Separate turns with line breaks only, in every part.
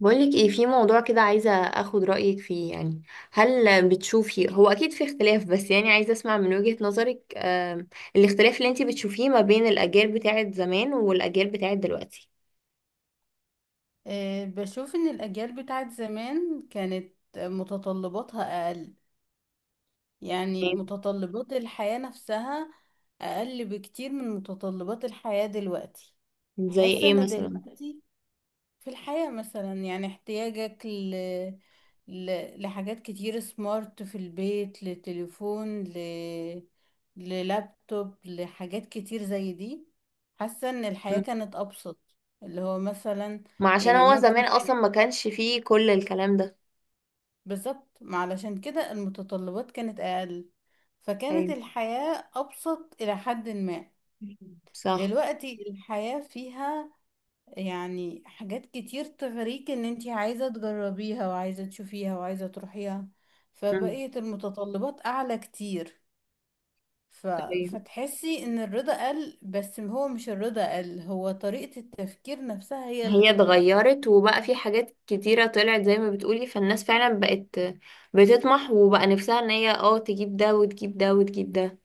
بقولك ايه؟ في موضوع كده عايزة اخد رأيك فيه يعني. هل بتشوفي؟ هو اكيد في اختلاف، بس يعني عايزة اسمع من وجهة نظرك. الاختلاف اللي انتي بتشوفيه ما بين الاجيال بتاعت زمان والاجيال بتاعت دلوقتي.
بشوف ان الاجيال بتاعت زمان كانت متطلباتها اقل، يعني
إيه؟
متطلبات الحياة نفسها اقل بكتير من متطلبات الحياة دلوقتي.
زي
بحس
ايه
ان
مثلا؟
دلوقتي في الحياة مثلا يعني احتياجك لحاجات كتير سمارت في البيت، لتليفون، للابتوب، لحاجات كتير زي دي. حاسة ان الحياة
مم.
كانت ابسط اللي هو مثلا.
ما عشان
يعني
هو زمان
ممكن،
اصلا ما كانش فيه كل الكلام ده.
بالظبط، ما علشان كده المتطلبات كانت أقل، فكانت
ايوه،
الحياة أبسط إلى حد ما.
صح.
دلوقتي الحياة فيها يعني حاجات كتير تغريك إن انتي عايزة تجربيها وعايزة تشوفيها وعايزة تروحيها،
مم.
فبقيت المتطلبات أعلى كتير. ف...
طيب،
فتحسي إن الرضا قل، بس هو مش الرضا قل، هو طريقة التفكير نفسها هي اللي
هي
اختلفت.
اتغيرت وبقى في حاجات كتيرة طلعت زي ما بتقولي، فالناس فعلا بقت بتطمح وبقى نفسها ان هي تجيب ده وتجيب ده وتجيب ده.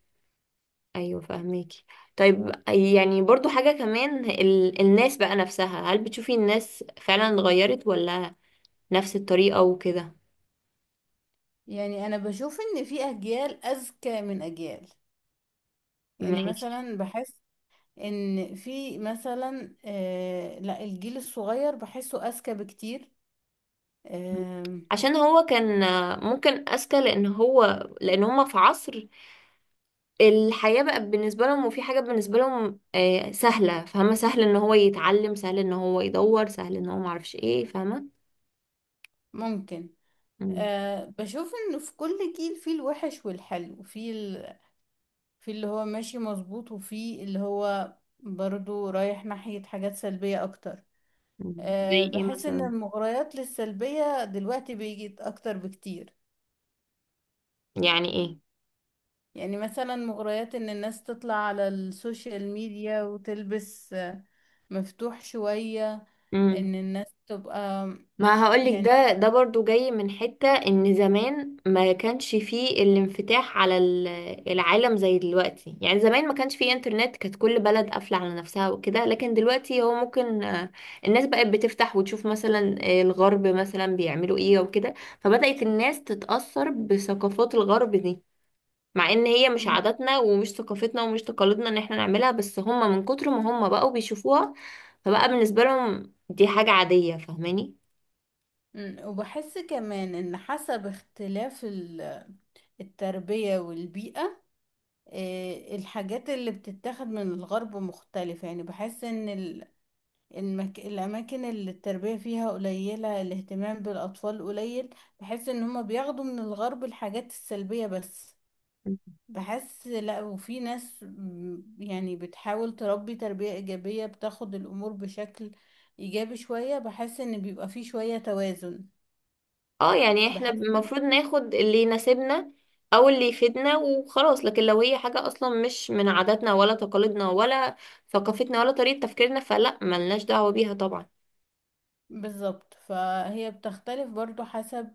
ايوه، فاهميكي. طيب، يعني برضو حاجة كمان الناس بقى نفسها، هل بتشوفي الناس فعلا اتغيرت ولا نفس الطريقة وكده؟
يعني أنا بشوف إن في أجيال أذكى من أجيال، يعني
ماشي.
مثلا بحس ان في مثلا، لا، الجيل الصغير بحسه اذكى بكتير. آه
عشان هو كان ممكن اذكى، لان هما في عصر، الحياة بقى بالنسبة لهم، وفي حاجة بالنسبة لهم سهلة، فاهمة؟ سهل ان هو يتعلم، سهل ان هو يدور، سهل ان هو معرفش ايه، فاهمة؟
ممكن.
مم.
آه بشوف انه في كل جيل فيه الوحش والحلو في اللي هو ماشي مظبوط، وفي اللي هو برضو رايح ناحية حاجات سلبية اكتر.
مم.
آه
زي ايه
بحس ان
مثلا؟
المغريات للسلبية دلوقتي بيجي اكتر بكتير،
يعني
يعني مثلا مغريات ان الناس تطلع على السوشيال ميديا وتلبس آه، مفتوح شوية،
ايه؟
ان الناس تبقى
ما هقولك،
يعني.
ده برضو جاي من حتة ان زمان ما كانش فيه الانفتاح على العالم زي دلوقتي، يعني زمان ما كانش فيه انترنت، كانت كل بلد قافلة على نفسها وكده. لكن دلوقتي هو ممكن الناس بقت بتفتح وتشوف مثلا الغرب مثلا بيعملوا ايه وكده. فبدأت الناس تتأثر بثقافات الغرب دي، مع ان هي مش
م-
عاداتنا ومش ثقافتنا ومش تقاليدنا ان احنا نعملها، بس هم من كتر ما هم بقوا بيشوفوها فبقى بالنسبة لهم دي حاجة عادية، فاهماني؟
وبحس كمان ان حسب اختلاف التربية والبيئة، آه، الحاجات اللي بتتاخد من الغرب مختلفة، يعني بحس ان الاماكن اللي التربية فيها قليلة، الاهتمام بالاطفال قليل، بحس ان هما بياخدوا من الغرب الحاجات السلبية بس. بحس لا، وفي ناس يعني بتحاول تربي تربية إيجابية، بتاخد الأمور بشكل إيجابي شوية، بحس إن بيبقى فيه شوية توازن.
اه، يعني احنا
بحس
المفروض ناخد اللي يناسبنا او اللي يفيدنا وخلاص، لكن لو هي حاجة اصلا مش من عاداتنا ولا تقاليدنا ولا ثقافتنا ولا طريقة تفكيرنا، فلا، ملناش دعوة بيها طبعا.
بالظبط فهي بتختلف برضو حسب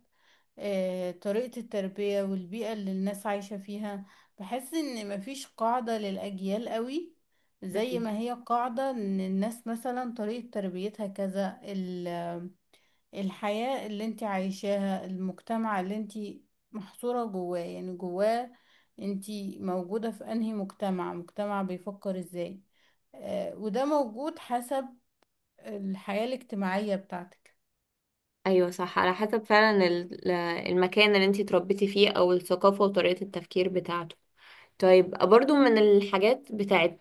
آه، طريقة التربية والبيئة اللي الناس عايشة فيها. بحس إن مفيش قاعدة للأجيال قوي زي
مم.
ما هي قاعدة، إن الناس مثلا طريقة تربيتها كذا. الحياة اللي انت عايشاها، المجتمع اللي انت محصورة جواه، يعني جواه انت موجودة في انهي مجتمع، مجتمع بيفكر ازاي، آه وده موجود حسب الحياة الاجتماعية بتاعتك.
ايوه، صح، على حسب فعلا المكان اللي انتي اتربيتي فيه او الثقافة وطريقة التفكير بتاعته. طيب، برضو من الحاجات بتاعت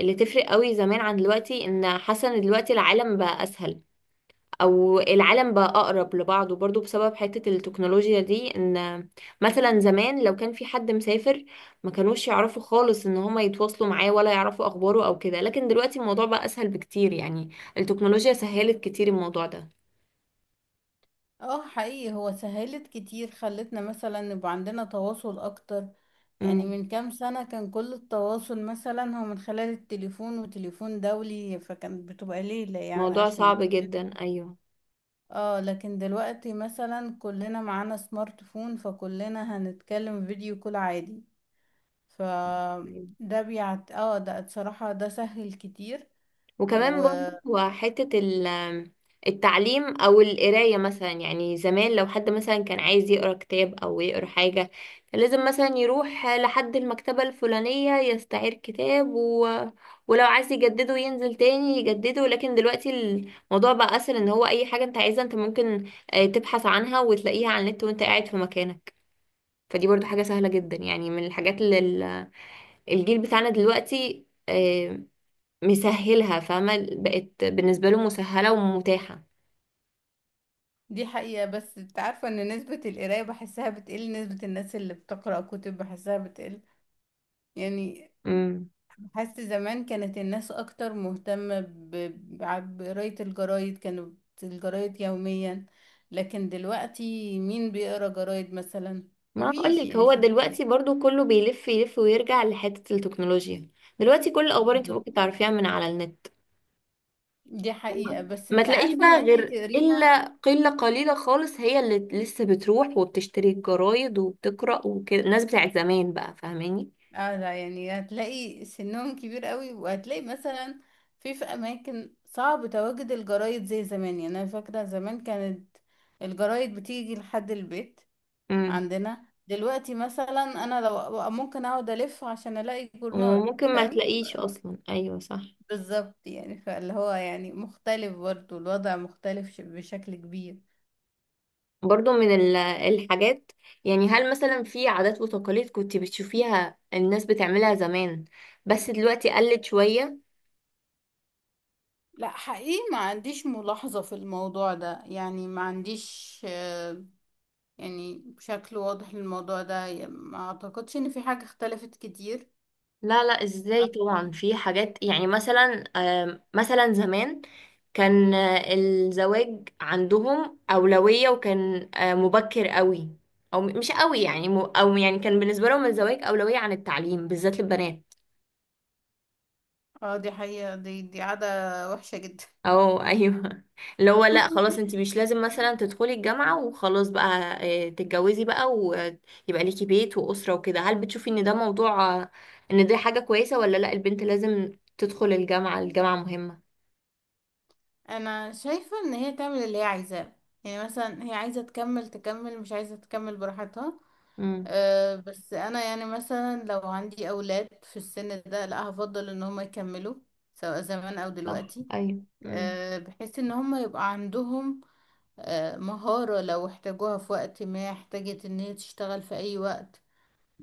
اللي تفرق قوي زمان عن دلوقتي، ان حاسه ان دلوقتي العالم بقى اسهل، او العالم بقى اقرب لبعضه، برضو بسبب حتة التكنولوجيا دي. ان مثلا زمان لو كان في حد مسافر ما كانوش يعرفوا خالص ان هما يتواصلوا معاه ولا يعرفوا اخباره او كده، لكن دلوقتي الموضوع بقى اسهل بكتير، يعني التكنولوجيا سهلت كتير الموضوع ده.
اه حقيقي هو سهلت كتير، خلتنا مثلا نبقى عندنا تواصل اكتر. يعني
امم،
من كام سنة كان كل التواصل مثلا هو من خلال التليفون وتليفون دولي، فكانت بتبقى ليلة يعني
موضوع
عشان
صعب جدا،
يكلموا.
ايوه.
اه لكن دلوقتي مثلا كلنا معانا سمارت فون، فكلنا هنتكلم فيديو كول عادي. ف ده بيعت، اه ده بصراحة ده سهل كتير،
وكمان
ودي
برضو حتة التعليم أو القراية مثلا، يعني زمان لو حد مثلا كان عايز يقرأ كتاب أو يقرأ حاجة، كان لازم مثلا يروح لحد المكتبة الفلانية يستعير كتاب ولو عايز يجدده ينزل تاني يجدده. لكن دلوقتي الموضوع بقى أسهل، إن هو أي حاجة أنت عايزها أنت ممكن تبحث عنها وتلاقيها على النت وأنت قاعد في مكانك. فدي برضو حاجة سهلة جدا يعني، من الحاجات اللي الجيل بتاعنا دلوقتي مسهلها، فاهمة؟ بقت بالنسبة له مسهلة ومتاحة.
حقيقة. بس انت عارفة ان نسبة القراية بحسها بتقل، نسبة الناس اللي بتقرأ كتب بحسها بتقل يعني.
امم.
بحس زمان كانت الناس اكتر مهتمة بقراية الجرايد، كانوا الجرايد يوميا، لكن دلوقتي مين بيقرا جرايد مثلا؟
ما
مفيش
اقولك،
يعني،
هو
مش هتلاقي.
دلوقتي برضو كله بيلف يلف ويرجع لحتة التكنولوجيا. دلوقتي كل الأخبار انت
بالظبط،
ممكن تعرفيها من على النت.
دي
فاهمة؟
حقيقة، بس
ما
انت
تلاقيش
عارفة ان
بقى
انت
غير
تقريها.
إلا قلة قليلة خالص، هي اللي لسه بتروح وبتشتري الجرايد وبتقرأ وكده، الناس بتاعت زمان بقى، فاهماني؟
اه لا يعني هتلاقي سنهم كبير قوي، وهتلاقي مثلا في في اماكن صعب تواجد الجرايد زي زمان، يعني انا فاكرة زمان كانت الجرايد بتيجي لحد البيت.
امم،
عندنا دلوقتي مثلا انا لو ممكن اقعد الف عشان الاقي جورنال
وممكن ما
فاهم.
تلاقيش أصلا، أيوة، صح.
بالظبط، يعني فاللي هو يعني مختلف برضو، الوضع مختلف بشكل كبير.
برضو من الحاجات، يعني هل مثلا في عادات وتقاليد كنت بتشوفيها الناس بتعملها زمان بس دلوقتي قلت شوية؟
لا حقيقي، ما عنديش ملاحظة في الموضوع ده، يعني ما عنديش آه، يعني بشكل واضح للموضوع ده، يعني ما اعتقدش ان في حاجة اختلفت كتير.
لا لا، ازاي؟
اه
طبعا في حاجات، يعني مثلا مثلا زمان كان الزواج عندهم أولوية، وكان مبكر قوي. او مش قوي يعني او يعني كان بالنسبة لهم الزواج أولوية عن التعليم بالذات للبنات.
آه، دي حقيقة، دي عادة وحشة جدا.
اه ايوه، اللي هو لا خلاص، انت مش لازم مثلا تدخلي الجامعة وخلاص بقى تتجوزي بقى ويبقى ليكي بيت وأسرة وكده. هل بتشوفي ان ده موضوع ان دي حاجة كويسة ولا لا؟ البنت لازم تدخل الجامعة، الجامعة مهمة.
انا شايفة ان هي تعمل اللي هي عايزاه، يعني مثلا هي عايزة تكمل تكمل، مش عايزة تكمل براحتها.
امم.
أه بس انا يعني مثلا لو عندي اولاد في السن ده، لا هفضل ان هم يكملوا سواء زمان او
صح،
دلوقتي،
ايوه. امم.
آه، بحيث ان هم يبقى عندهم آه، مهارة لو احتاجوها في وقت ما، احتاجت ان هي تشتغل في اي وقت،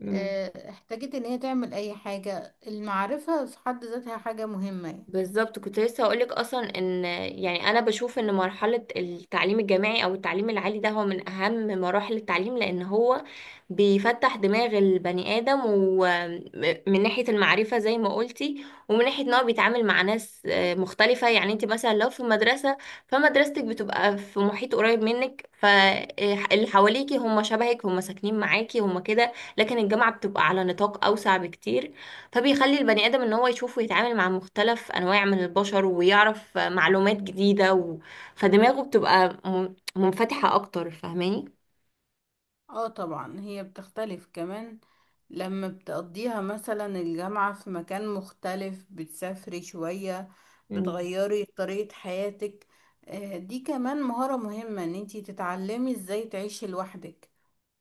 امم.
آه، احتاجت ان هي تعمل اي حاجة. المعرفة في حد ذاتها حاجة مهمة يعني.
بالظبط، كنت لسه هقولك اصلا ان يعني انا بشوف ان مرحله التعليم الجامعي او التعليم العالي ده هو من اهم مراحل التعليم، لان هو بيفتح دماغ البني ادم، ومن ناحيه المعرفه زي ما قلتي، ومن ناحيه ان هو بيتعامل مع ناس مختلفه. يعني انت مثلا لو في مدرسه، فمدرستك بتبقى في محيط قريب منك، فاللي حواليكي هم شبهك، هم ساكنين معاكي، هم كده. لكن الجامعه بتبقى على نطاق اوسع بكتير، فبيخلي البني آدم ان هو يشوف ويتعامل مع مختلف انواع من البشر ويعرف معلومات جديدة فدماغه بتبقى منفتحة اكتر، فاهماني؟
اه طبعا هي بتختلف كمان لما بتقضيها مثلا الجامعة في مكان مختلف، بتسافري شوية،
مم.
بتغيري طريقة حياتك، آه، دي كمان مهارة مهمة، ان انتي تتعلمي ازاي تعيشي لوحدك،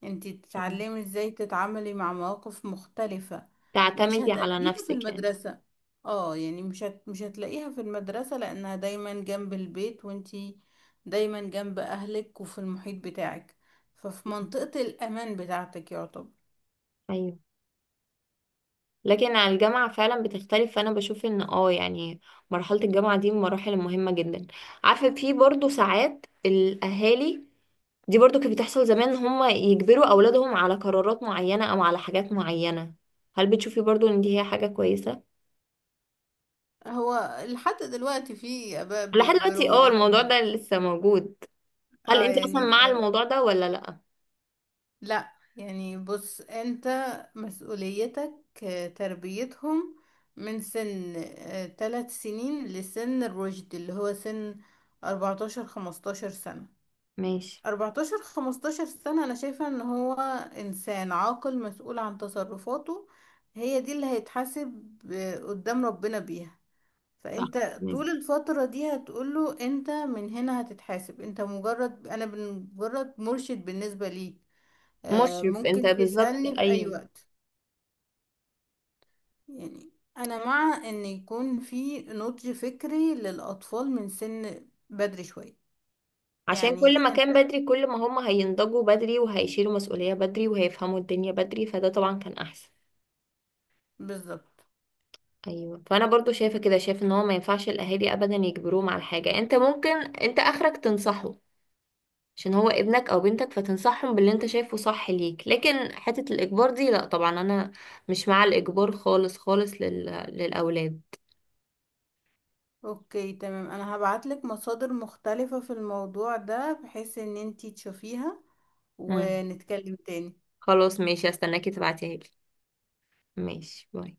انتي تتعلمي ازاي تتعاملي مع مواقف مختلفة مش
تعتمدي على
هتقابليها في
نفسك يعني.
المدرسة. اه يعني مش هتلاقيها في المدرسة، لانها دايما جنب البيت وانتي دايما جنب اهلك وفي المحيط بتاعك، ففي منطقة الامان بتاعتك يعتبر.
ايوه، لكن على الجامعة فعلا بتختلف، فانا بشوف ان يعني مرحلة الجامعة دي من المراحل المهمة جدا. عارفة، في برضو ساعات الاهالي دي برضو كانت بتحصل زمان، هم يجبروا اولادهم على قرارات معينة او على حاجات معينة، هل بتشوفي برضو ان دي هي حاجة كويسة؟
هو لحد دلوقتي في اباء
لحد دلوقتي،
بيجبروا
اه، الموضوع
ولادهم؟
ده لسه موجود. هل
اه
انت اصلا
يعني.
مع الموضوع ده ولا لا؟
لا يعني، بص، انت مسؤوليتك آه، تربيتهم من سن 3 سنين لسن الرشد اللي هو سن 14 15 سنة.
ماشي.
14 15 سنة انا شايفة ان هو انسان عاقل مسؤول عن تصرفاته، هي دي اللي هيتحاسب آه، قدام ربنا بيها.
صح،
فانت
ماشي.
طول الفترة دي هتقوله انت من هنا هتتحاسب، انت مجرد، انا مجرد مرشد بالنسبة ليك، آه،
مشرف انت،
ممكن
بالظبط،
تسألني في أي
ايوه.
وقت يعني. أنا مع إن يكون في نضج فكري للأطفال من سن بدري شوية،
عشان كل ما
يعني أنت
كان بدري كل ما هم هينضجوا بدري وهيشيلوا مسؤولية بدري وهيفهموا الدنيا بدري، فده طبعا كان احسن.
بالظبط.
ايوه، فانا برضو شايفة كده، شايفة ان هو ما ينفعش الاهالي ابدا يجبروهم على حاجة. انت ممكن، انت اخرك تنصحه، عشان هو ابنك او بنتك، فتنصحهم باللي انت شايفه صح ليك، لكن حتة الاجبار دي لا طبعا، انا مش مع الاجبار خالص خالص للاولاد.
أوكي تمام، أنا هبعتلك مصادر مختلفة في الموضوع ده بحيث إن أنتي تشوفيها
مم.
ونتكلم تاني.
خلاص ماشي، استناكي تبعتيها لي. ماشي، باي.